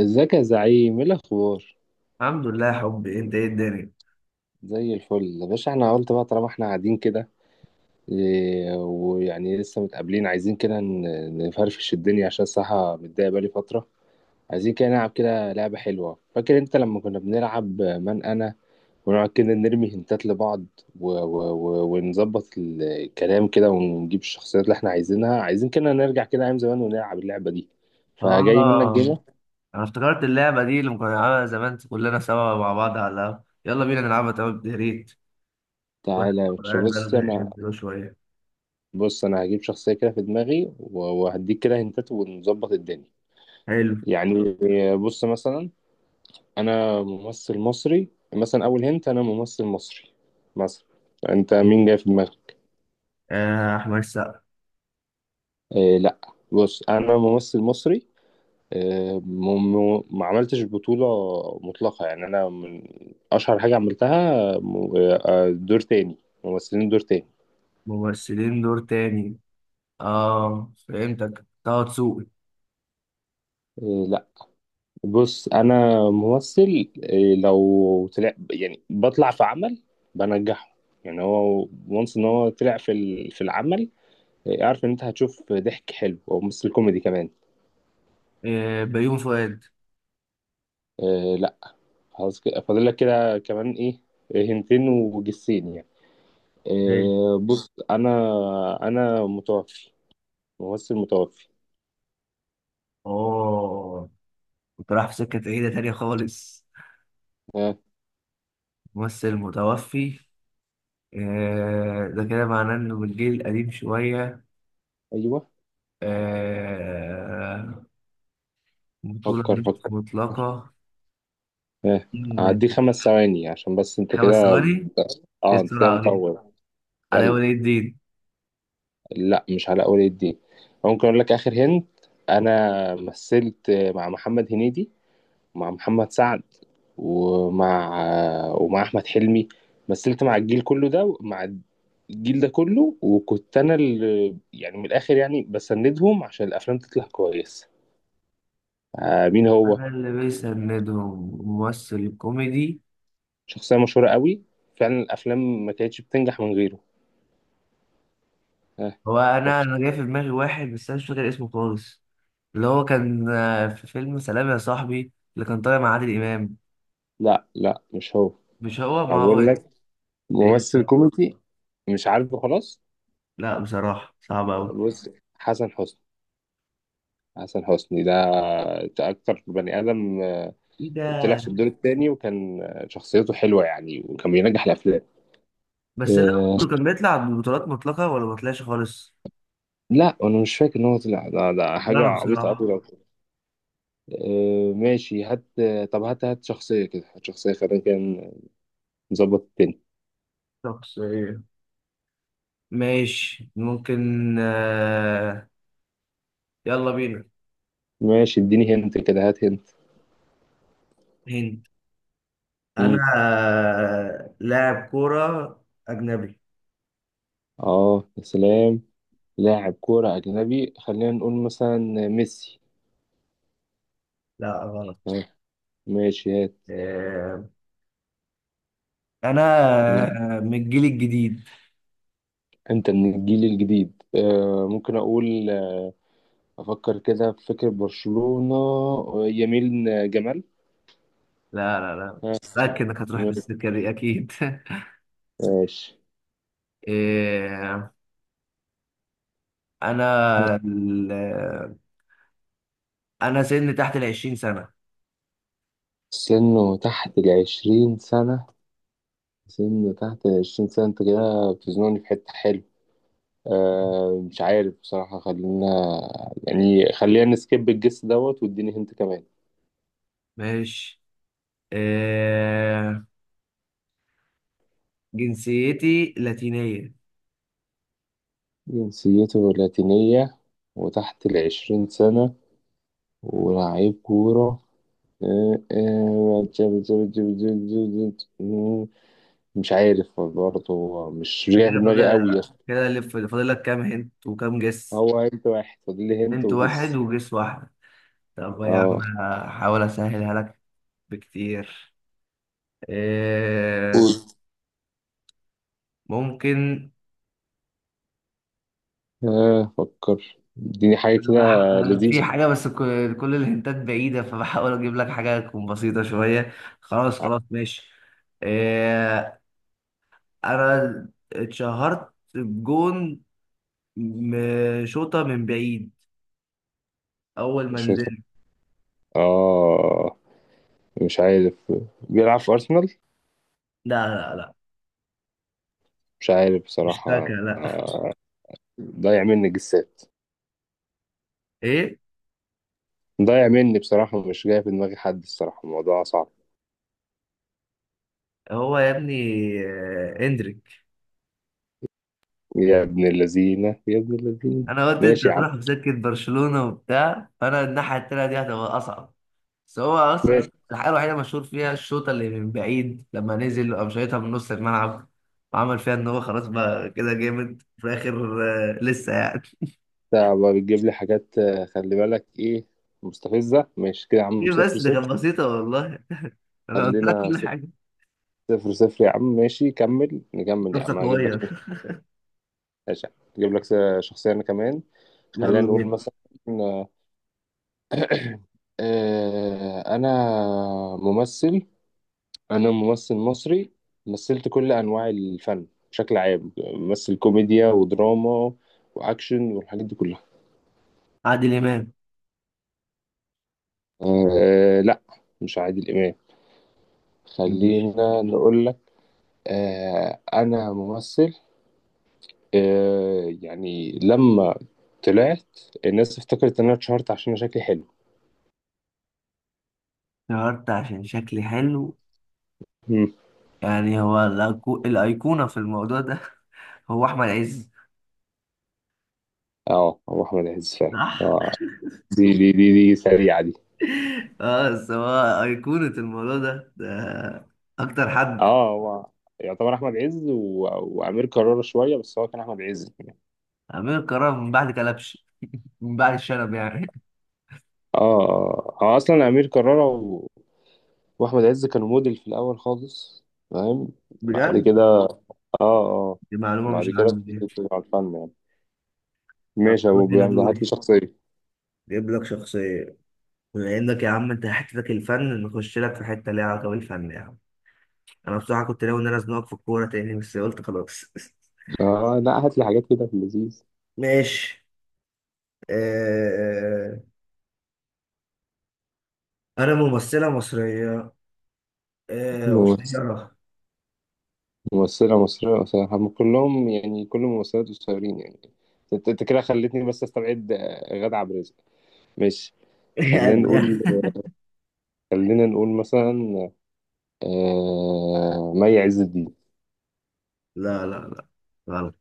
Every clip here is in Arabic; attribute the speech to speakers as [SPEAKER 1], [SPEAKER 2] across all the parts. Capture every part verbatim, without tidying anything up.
[SPEAKER 1] ازيك يا زعيم، ايه الاخبار؟
[SPEAKER 2] الحمد لله يا حبي، انت ايه الدنيا؟
[SPEAKER 1] زي الفل يا باشا، احنا قلت بقى طالما احنا قاعدين كده. إيه، ويعني لسه متقابلين عايزين كده ن- نفرفش الدنيا عشان الصراحه متضايق بقالي فتره. عايزين كده نلعب كده لعبه حلوه، فاكر انت لما كنا بنلعب من انا ونقعد كده نرمي هنتات لبعض و و و ونظبط الكلام كده ونجيب الشخصيات اللي احنا عايزينها، عايزين كده نرجع كده ايام زمان ونلعب اللعبه دي. فجاي منك
[SPEAKER 2] اه،
[SPEAKER 1] جيمه.
[SPEAKER 2] انا افتكرت اللعبه دي اللي كنا بنلعبها زمان كلنا سوا مع بعض على القهوة. يلا بينا نلعبها. طب يا ريت. واحد.
[SPEAKER 1] تعالى يا باشا،
[SPEAKER 2] قاعد
[SPEAKER 1] بص انا
[SPEAKER 2] بقاله شويه.
[SPEAKER 1] بص انا هجيب شخصيه كده في دماغي و- وهديك كده هنتات ونظبط الدنيا.
[SPEAKER 2] حلو.
[SPEAKER 1] يعني بص مثلا، انا ممثل مصري، مثلا اول هنت انا ممثل مصري، مثلا انت مين جاي في دماغك؟
[SPEAKER 2] آه احمد سقا.
[SPEAKER 1] إيه لا، بص انا ممثل مصري، إيه م- م- ما عملتش بطوله مطلقه، يعني انا من اشهر حاجه عملتها م- آه، دور تاني، ممثلين دور تاني.
[SPEAKER 2] ممثلين دور تاني. اه فهمتك، طه دسوقي.
[SPEAKER 1] إيه لا، بص انا ممثل، إيه، لو طلع يعني بطلع في عمل بنجحه، يعني هو وانس ان هو طلع في ال- في العمل، إيه، اعرف ان انت هتشوف ضحك حلو او ممثل كوميدي كمان.
[SPEAKER 2] آه بيوم فؤاد.
[SPEAKER 1] إيه لا، خلاص كده فاضل لك كده كمان ايه، إيه، هنتين وجسين يعني.
[SPEAKER 2] ماشي.
[SPEAKER 1] إيه بص انا، انا متوفي ممثل متوفي.
[SPEAKER 2] اوه، كنت رايح في سكه بعيده تانيه خالص.
[SPEAKER 1] آه
[SPEAKER 2] ممثل متوفي. آه، ده كده معناه انه بالجيل القديم شويه.
[SPEAKER 1] ايوه.
[SPEAKER 2] آه، بطولة
[SPEAKER 1] فكر
[SPEAKER 2] مش
[SPEAKER 1] فكر.
[SPEAKER 2] مطلقة.
[SPEAKER 1] آه،
[SPEAKER 2] إن.
[SPEAKER 1] هديك خمس ثواني عشان بس انت
[SPEAKER 2] خمس
[SPEAKER 1] كده،
[SPEAKER 2] ثواني إيه
[SPEAKER 1] اه انت كده
[SPEAKER 2] السرعة دي؟
[SPEAKER 1] مطول.
[SPEAKER 2] علي
[SPEAKER 1] يلا.
[SPEAKER 2] ولي الدين.
[SPEAKER 1] لا مش على اول الدين، ممكن اقول لك اخر هند، انا مثلت مع محمد هنيدي ومع محمد سعد ومع ومع احمد حلمي، مثلت مع الجيل كله ده، مع الجيل ده كله، وكنت انا اللي يعني من الاخر يعني بسندهم عشان الافلام تطلع كويسه. آه مين هو،
[SPEAKER 2] أنا اللي بيسندهم ممثل كوميدي.
[SPEAKER 1] شخصيه مشهوره قوي، فعلا الافلام ما كانتش بتنجح من غيره. آه
[SPEAKER 2] هو أنا
[SPEAKER 1] فكر.
[SPEAKER 2] أنا جاي في دماغي واحد، بس أنا مش فاكر اسمه خالص. اللي هو كان، آه، في فيلم سلام يا صاحبي اللي كان طالع مع عادل إمام.
[SPEAKER 1] لا لا مش هو،
[SPEAKER 2] مش هو.
[SPEAKER 1] أنا
[SPEAKER 2] ما
[SPEAKER 1] بقول
[SPEAKER 2] هو.
[SPEAKER 1] لك
[SPEAKER 2] إيه
[SPEAKER 1] ممثل
[SPEAKER 2] ده؟
[SPEAKER 1] كوميدي. مش عارفه خلاص.
[SPEAKER 2] لا بصراحة صعب أوي.
[SPEAKER 1] بص، حسن حسني، حسن حسني ده أكتر بني آدم آه،
[SPEAKER 2] إيه
[SPEAKER 1] طلع
[SPEAKER 2] ده؟
[SPEAKER 1] في الدور التاني وكان آه، شخصيته حلوة يعني وكان بينجح الأفلام.
[SPEAKER 2] بس لا،
[SPEAKER 1] آه،
[SPEAKER 2] برضه كان بيطلع ببطولات مطلقة ولا ما طلعش خالص؟
[SPEAKER 1] لا، أنا مش فاكر إن هو طلع ده، ده
[SPEAKER 2] ولا
[SPEAKER 1] حاجة
[SPEAKER 2] أنا
[SPEAKER 1] عبيطة أوي
[SPEAKER 2] بصراحة.
[SPEAKER 1] لو. آه، ماشي هات، آه، طب هات هات شخصية كده، هات شخصية خلينا كان نظبط التاني.
[SPEAKER 2] شخصية. ماشي ممكن، آه، يلا بينا.
[SPEAKER 1] ماشي اديني هنت كده هات هنت.
[SPEAKER 2] هند. انا،
[SPEAKER 1] مم.
[SPEAKER 2] آه، لاعب كوره اجنبي.
[SPEAKER 1] اه يا سلام، لاعب كورة أجنبي، خلينا نقول مثلا ميسي.
[SPEAKER 2] لا غلط.
[SPEAKER 1] آه، ماشي هات.
[SPEAKER 2] آه، انا،
[SPEAKER 1] مم.
[SPEAKER 2] آه، من الجيل الجديد.
[SPEAKER 1] أنت من الجيل الجديد، آه، ممكن أقول، أفكر كده في فكرة برشلونة، يميل جمال.
[SPEAKER 2] لا لا لا.
[SPEAKER 1] ها،
[SPEAKER 2] متأكد انك هتروح بالسكة دي اكيد.
[SPEAKER 1] ماشي.
[SPEAKER 2] إيه. انا ال... آه، انا سني تحت العشرين سنه.
[SPEAKER 1] سنه تحت العشرين سنة، سنه تحت العشرين سنة، أنت كده بتزنقني في حتة حلوة، أه مش عارف بصراحة، خلينا يعني خلينا نسكيب الجس دوت واديني هنت كمان.
[SPEAKER 2] ماشي. إيه. جنسيتي لاتينية.
[SPEAKER 1] جنسيته لاتينية، وتحت العشرين سنة، ولاعيب كورة، آه، آه، مش عارف برضه، مش مش
[SPEAKER 2] أنت
[SPEAKER 1] جاي في
[SPEAKER 2] كده
[SPEAKER 1] دماغي قوي يا
[SPEAKER 2] فاضل
[SPEAKER 1] اسطى.
[SPEAKER 2] كده. اللي فاضل لك كام هنت وكام جس؟
[SPEAKER 1] هو انت واحد فاضل لي هنت
[SPEAKER 2] هنت واحد
[SPEAKER 1] وجس.
[SPEAKER 2] وجس واحد. طب يا عم
[SPEAKER 1] اه
[SPEAKER 2] هحاول اسهلها لك بكتير. إيه.
[SPEAKER 1] قول.
[SPEAKER 2] ممكن.
[SPEAKER 1] اه فكر، اديني حاجة كده
[SPEAKER 2] أنا بح- أنا في
[SPEAKER 1] لذيذة
[SPEAKER 2] حاجة، بس ك- كل الهنتات بعيدة فبحاول اجيب لك حاجة تكون بسيطة شوية. خلاص خلاص ماشي. إيه. انا اتشهرت بجون. م- شوطة من بعيد اول ما
[SPEAKER 1] شوية.
[SPEAKER 2] نزلت.
[SPEAKER 1] اه مش عارف، بيلعب في أرسنال؟
[SPEAKER 2] لا لا لا.
[SPEAKER 1] مش عارف
[SPEAKER 2] مش ساكا،
[SPEAKER 1] بصراحة،
[SPEAKER 2] لا.
[SPEAKER 1] ضايع مني جسات،
[SPEAKER 2] ايه.
[SPEAKER 1] ضايع مني بصراحة، مش جاي في دماغي حد، الصراحة الموضوع صعب.
[SPEAKER 2] هو يا ابني، آه، اندريك.
[SPEAKER 1] يا ابن اللذينة يا ابن اللذينة.
[SPEAKER 2] انا قلت انت
[SPEAKER 1] ماشي يا عم،
[SPEAKER 2] هتروح في سكة برشلونة وبتاع، فانا الناحية التانية دي هتبقى اصعب. بس هو اصلا
[SPEAKER 1] ماشي.
[SPEAKER 2] الحاجه الوحيده مشهور فيها الشوطه اللي من بعيد، لما نزل قام شايطها من نص الملعب وعمل فيها ان هو خلاص بقى كده جامد في الاخر. آه، لسه يعني.
[SPEAKER 1] انت بقى بتجيب لي حاجات، آه، خلي بالك، ايه مستفزة، ماشي كده يا عم
[SPEAKER 2] ايه
[SPEAKER 1] صفر
[SPEAKER 2] بس دي كانت
[SPEAKER 1] صفر.
[SPEAKER 2] بسيطه والله. انا
[SPEAKER 1] قال
[SPEAKER 2] قلت لك
[SPEAKER 1] لنا
[SPEAKER 2] كل حاجه.
[SPEAKER 1] صفر صفر يا عم، ماشي كمل، نكمل يا عم
[SPEAKER 2] نفسك
[SPEAKER 1] هجيب لك.
[SPEAKER 2] صغير.
[SPEAKER 1] ماشي يا عم. هجيب لك شخصية أنا كمان. خلينا
[SPEAKER 2] يلا
[SPEAKER 1] نقول
[SPEAKER 2] بينا.
[SPEAKER 1] مثلا، آه، أنا ممثل، أنا ممثل مصري، مثلت كل أنواع الفن بشكل عام، ممثل كوميديا ودراما وأكشن والحاجات دي كلها.
[SPEAKER 2] عادل امام.
[SPEAKER 1] آه، لأ مش عادل إمام،
[SPEAKER 2] ماشي.
[SPEAKER 1] خلينا نقول لك آه، أنا ممثل، آه يعني لما طلعت الناس افتكرت ان انا اتشهرت عشان انا شكلي حلو.
[SPEAKER 2] اتشهرت عشان شكلي حلو.
[SPEAKER 1] مم.
[SPEAKER 2] يعني هو الأيكو- الايقونه في الموضوع ده. هو احمد عز.
[SPEAKER 1] اه هو احمد عز فعلا،
[SPEAKER 2] صح.
[SPEAKER 1] اه دي دي دي دي سريعه دي.
[SPEAKER 2] اه بس هو ايقونه الموضوع ده، ده اكتر حد.
[SPEAKER 1] اه هو يعتبر احمد عز و... وامير كرارة شويه، بس هو كان احمد عز.
[SPEAKER 2] امير كرارة من بعد كلبش. من بعد الشنب يعني.
[SPEAKER 1] اه اه هو اصلا امير كرارة و... واحمد عز كانوا موديل في الاول خالص، فاهم؟ بعد
[SPEAKER 2] بجد.
[SPEAKER 1] كده اه اه
[SPEAKER 2] دي معلومة
[SPEAKER 1] بعد
[SPEAKER 2] مش
[SPEAKER 1] كده
[SPEAKER 2] عندي دي.
[SPEAKER 1] بتيجي على الفن يعني.
[SPEAKER 2] طب
[SPEAKER 1] ماشي يا
[SPEAKER 2] يلا
[SPEAKER 1] ابو
[SPEAKER 2] هنا
[SPEAKER 1] بيعمل، هات لي
[SPEAKER 2] دوري.
[SPEAKER 1] شخصيه.
[SPEAKER 2] جايب لك شخصية. بما انك يا عم انت حتتك الفن، نخش لك في حتة ليها علاقة بالفن يا عم. انا بصراحة كنت ناوي ان انا ازنقك في الكورة تاني، بس قلت خلاص.
[SPEAKER 1] اه لا، هات لي حاجات كده في
[SPEAKER 2] ماشي. آه... انا ممثلة مصرية، آه...
[SPEAKER 1] اللذيذ.
[SPEAKER 2] قصيرة.
[SPEAKER 1] ممثلة مصرية، صراحة هم كلهم يعني كل الممثلات قصيرين يعني، انت انت كده خلتني بس استبعد آه، غادة عبد الرازق، ماشي. خلينا
[SPEAKER 2] يعني.
[SPEAKER 1] نقول، خلينا نقول مثلا، آه... مي عز الدين،
[SPEAKER 2] لا لا لا غلط.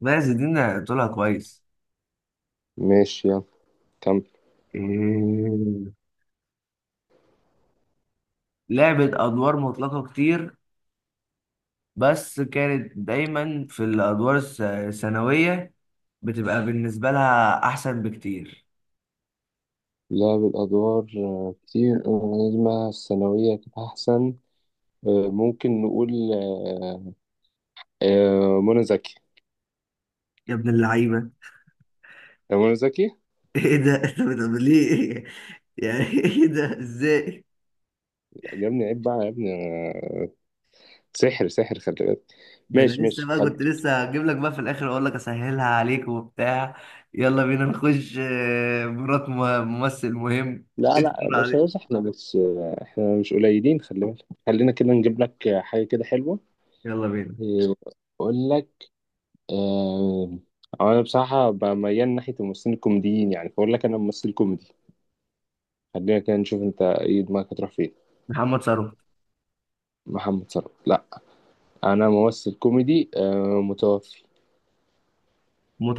[SPEAKER 2] ماشي دي أنا قلتلها كويس.
[SPEAKER 1] ماشي يلا كمل.
[SPEAKER 2] إيه... لعبت أدوار مطلقة كتير، بس كانت دايما في الادوار الس- الثانويه. بتبقى بالنسبه لها احسن بكتير.
[SPEAKER 1] لعب الأدوار آه، كتير، نجمة الثانوية كانت أحسن، آه، ممكن نقول آه، آه، منى زكي،
[SPEAKER 2] يا ابن اللعيبه.
[SPEAKER 1] آه، منى زكي.
[SPEAKER 2] ايه ده. طب طب ليه؟ يعني ايه ده ازاي؟
[SPEAKER 1] يا ابني عيب بقى يا ابني، آه، سحر سحر خلي بالك.
[SPEAKER 2] ده انا
[SPEAKER 1] ماشي
[SPEAKER 2] لسه
[SPEAKER 1] ماشي.
[SPEAKER 2] بقى كنت لسه هجيب لك بقى في الاخر اقول لك اسهلها عليك وبتاع. يلا بينا نخش، آه، مرات م- ممثل مهم.
[SPEAKER 1] لا لا يا
[SPEAKER 2] استر
[SPEAKER 1] باشا، بس
[SPEAKER 2] عليك.
[SPEAKER 1] احنا مش، احنا مش قليلين خلي بالك، خلينا كده نجيب لك حاجة كده حلوة.
[SPEAKER 2] يلا بينا.
[SPEAKER 1] إيه، اقول لك، آه... أو انا بصراحة بقى ميال ناحية الممثلين الكوميديين يعني، فاقول لك انا ممثل كوميدي، خلينا كده نشوف انت ايه دماغك هتروح فين.
[SPEAKER 2] محمد ثروت.
[SPEAKER 1] محمد صلاح لا، انا ممثل كوميدي آه... متوفي.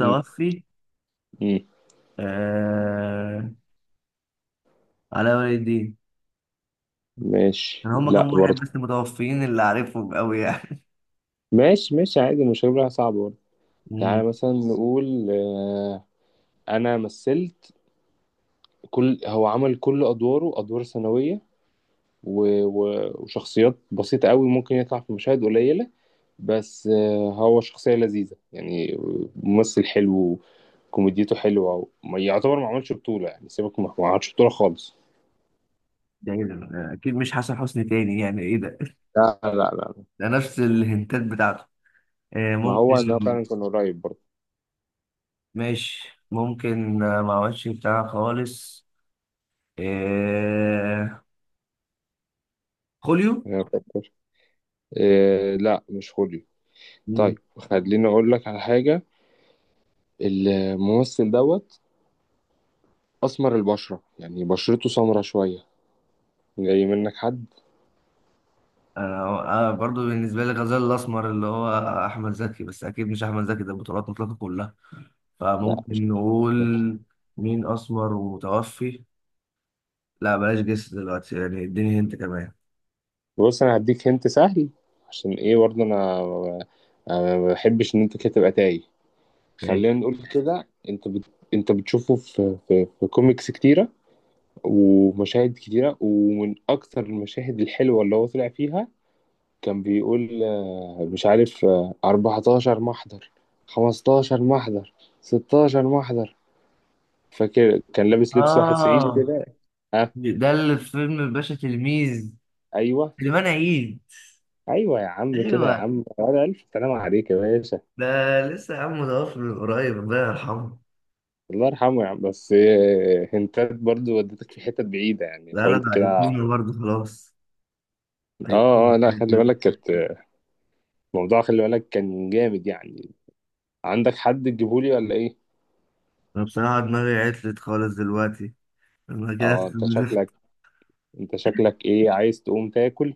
[SPEAKER 1] مم. مم.
[SPEAKER 2] آه... علاء ولي الدين.
[SPEAKER 1] ماشي
[SPEAKER 2] كان هما
[SPEAKER 1] لا
[SPEAKER 2] كام واحد
[SPEAKER 1] برضه.
[SPEAKER 2] بس متوفيين اللي عارفهم قوي يعني.
[SPEAKER 1] ماشي ماشي عادي، مش هجيبها صعبة برضه.
[SPEAKER 2] مم.
[SPEAKER 1] تعالى مثلا نقول آه... انا مثلت، كل هو عمل كل ادواره ادوار ثانوية و- و- وشخصيات بسيطة قوي، ممكن يطلع في مشاهد قليلة، بس آه، هو شخصية لذيذة يعني، ممثل حلو كوميديته حلوة، ما يعتبر ما عملش بطولة يعني، سيبك، ما ما عملش بطولة خالص.
[SPEAKER 2] ده ايه ده، آه، اكيد مش حسن حسني تاني. يعني ايه ده؟
[SPEAKER 1] لا لا لا،
[SPEAKER 2] ده نفس الهنتات بتاعته. آه
[SPEAKER 1] ما
[SPEAKER 2] ممكن.
[SPEAKER 1] هو انا فعلا كان قريب برضه.
[SPEAKER 2] ماشي ممكن، آه، ما عملش بتاع خالص. آه. خوليو.
[SPEAKER 1] أنا أفكر. إيه لا، مش خوليو.
[SPEAKER 2] مم.
[SPEAKER 1] طيب خليني اقول لك على حاجة، الممثل دوت اسمر البشرة، يعني بشرته سمرة شوية، جاي منك حد؟
[SPEAKER 2] انا أنا برضو بالنسبه لي غزال الاسمر، اللي هو احمد زكي، بس اكيد مش احمد زكي، ده بطولات مطلقه كلها.
[SPEAKER 1] لا مش.
[SPEAKER 2] فممكن نقول مين اسمر ومتوفي. لا بلاش جس دلوقتي يعني، اديني هنت كمان.
[SPEAKER 1] بص انا هديك هنت سهل عشان ايه برضه انا، أنا ما بحبش ان انت كده تبقى تايه، خلينا
[SPEAKER 2] ماشي.
[SPEAKER 1] نقول كده انت بت... انت بتشوفه في في, في كوميكس كتيره ومشاهد كتيره، ومن اكتر المشاهد الحلوه اللي هو طلع فيها، كان بيقول آه، مش عارف، آه، أربعة عشر محضر، خمستاشر محضر، ستاشر محضر، فاكر كان لابس لبس واحد صعيدي
[SPEAKER 2] اه
[SPEAKER 1] كده. اه.
[SPEAKER 2] ده اللي في فيلم الباشا تلميذ.
[SPEAKER 1] ايوه.
[SPEAKER 2] سليمان عيد.
[SPEAKER 1] ايوه يا عم، كده يا
[SPEAKER 2] ايوه.
[SPEAKER 1] عم، على الف سلام عليك يا باشا.
[SPEAKER 2] ده لسه يا عم متوفي من قريب، الله يرحمه.
[SPEAKER 1] الله يرحمه يعني، بس آه، هنتات برضو ودتك في حتت بعيدة يعني،
[SPEAKER 2] لا لا،
[SPEAKER 1] حاولت
[SPEAKER 2] ده
[SPEAKER 1] كده.
[SPEAKER 2] ايقونه برضه خلاص.
[SPEAKER 1] اه اه
[SPEAKER 2] ايقونه
[SPEAKER 1] لا
[SPEAKER 2] كده
[SPEAKER 1] خلي
[SPEAKER 2] كده.
[SPEAKER 1] بالك، كانت موضوع خلي بالك كان جامد يعني. عندك حد تجيبهولي ولا ايه؟
[SPEAKER 2] انا بصراحه دماغي عطلت خالص دلوقتي. انا كده
[SPEAKER 1] اه انت
[SPEAKER 2] استنزفت.
[SPEAKER 1] شكلك، انت شكلك ايه، عايز تقوم تاكل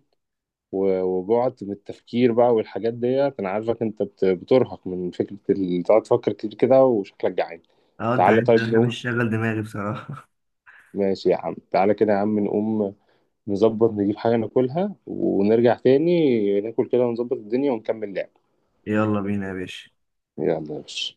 [SPEAKER 1] و- وجعت من التفكير بقى والحاجات ديت، انا عارفك انت بت- بترهق من فكرة ال- تقعد تفكر كتير كده، وشكلك جعان.
[SPEAKER 2] اه انت
[SPEAKER 1] تعالى
[SPEAKER 2] عارف
[SPEAKER 1] طيب
[SPEAKER 2] انا بحب
[SPEAKER 1] نقوم.
[SPEAKER 2] اشغل دماغي بصراحه.
[SPEAKER 1] ماشي يا عم تعالى كده يا عم نقوم، نظبط نجيب حاجة ناكلها ونرجع تاني ناكل كده ونظبط الدنيا ونكمل لعب.
[SPEAKER 2] يلا بينا يا باشا.
[SPEAKER 1] يلا يا باشا.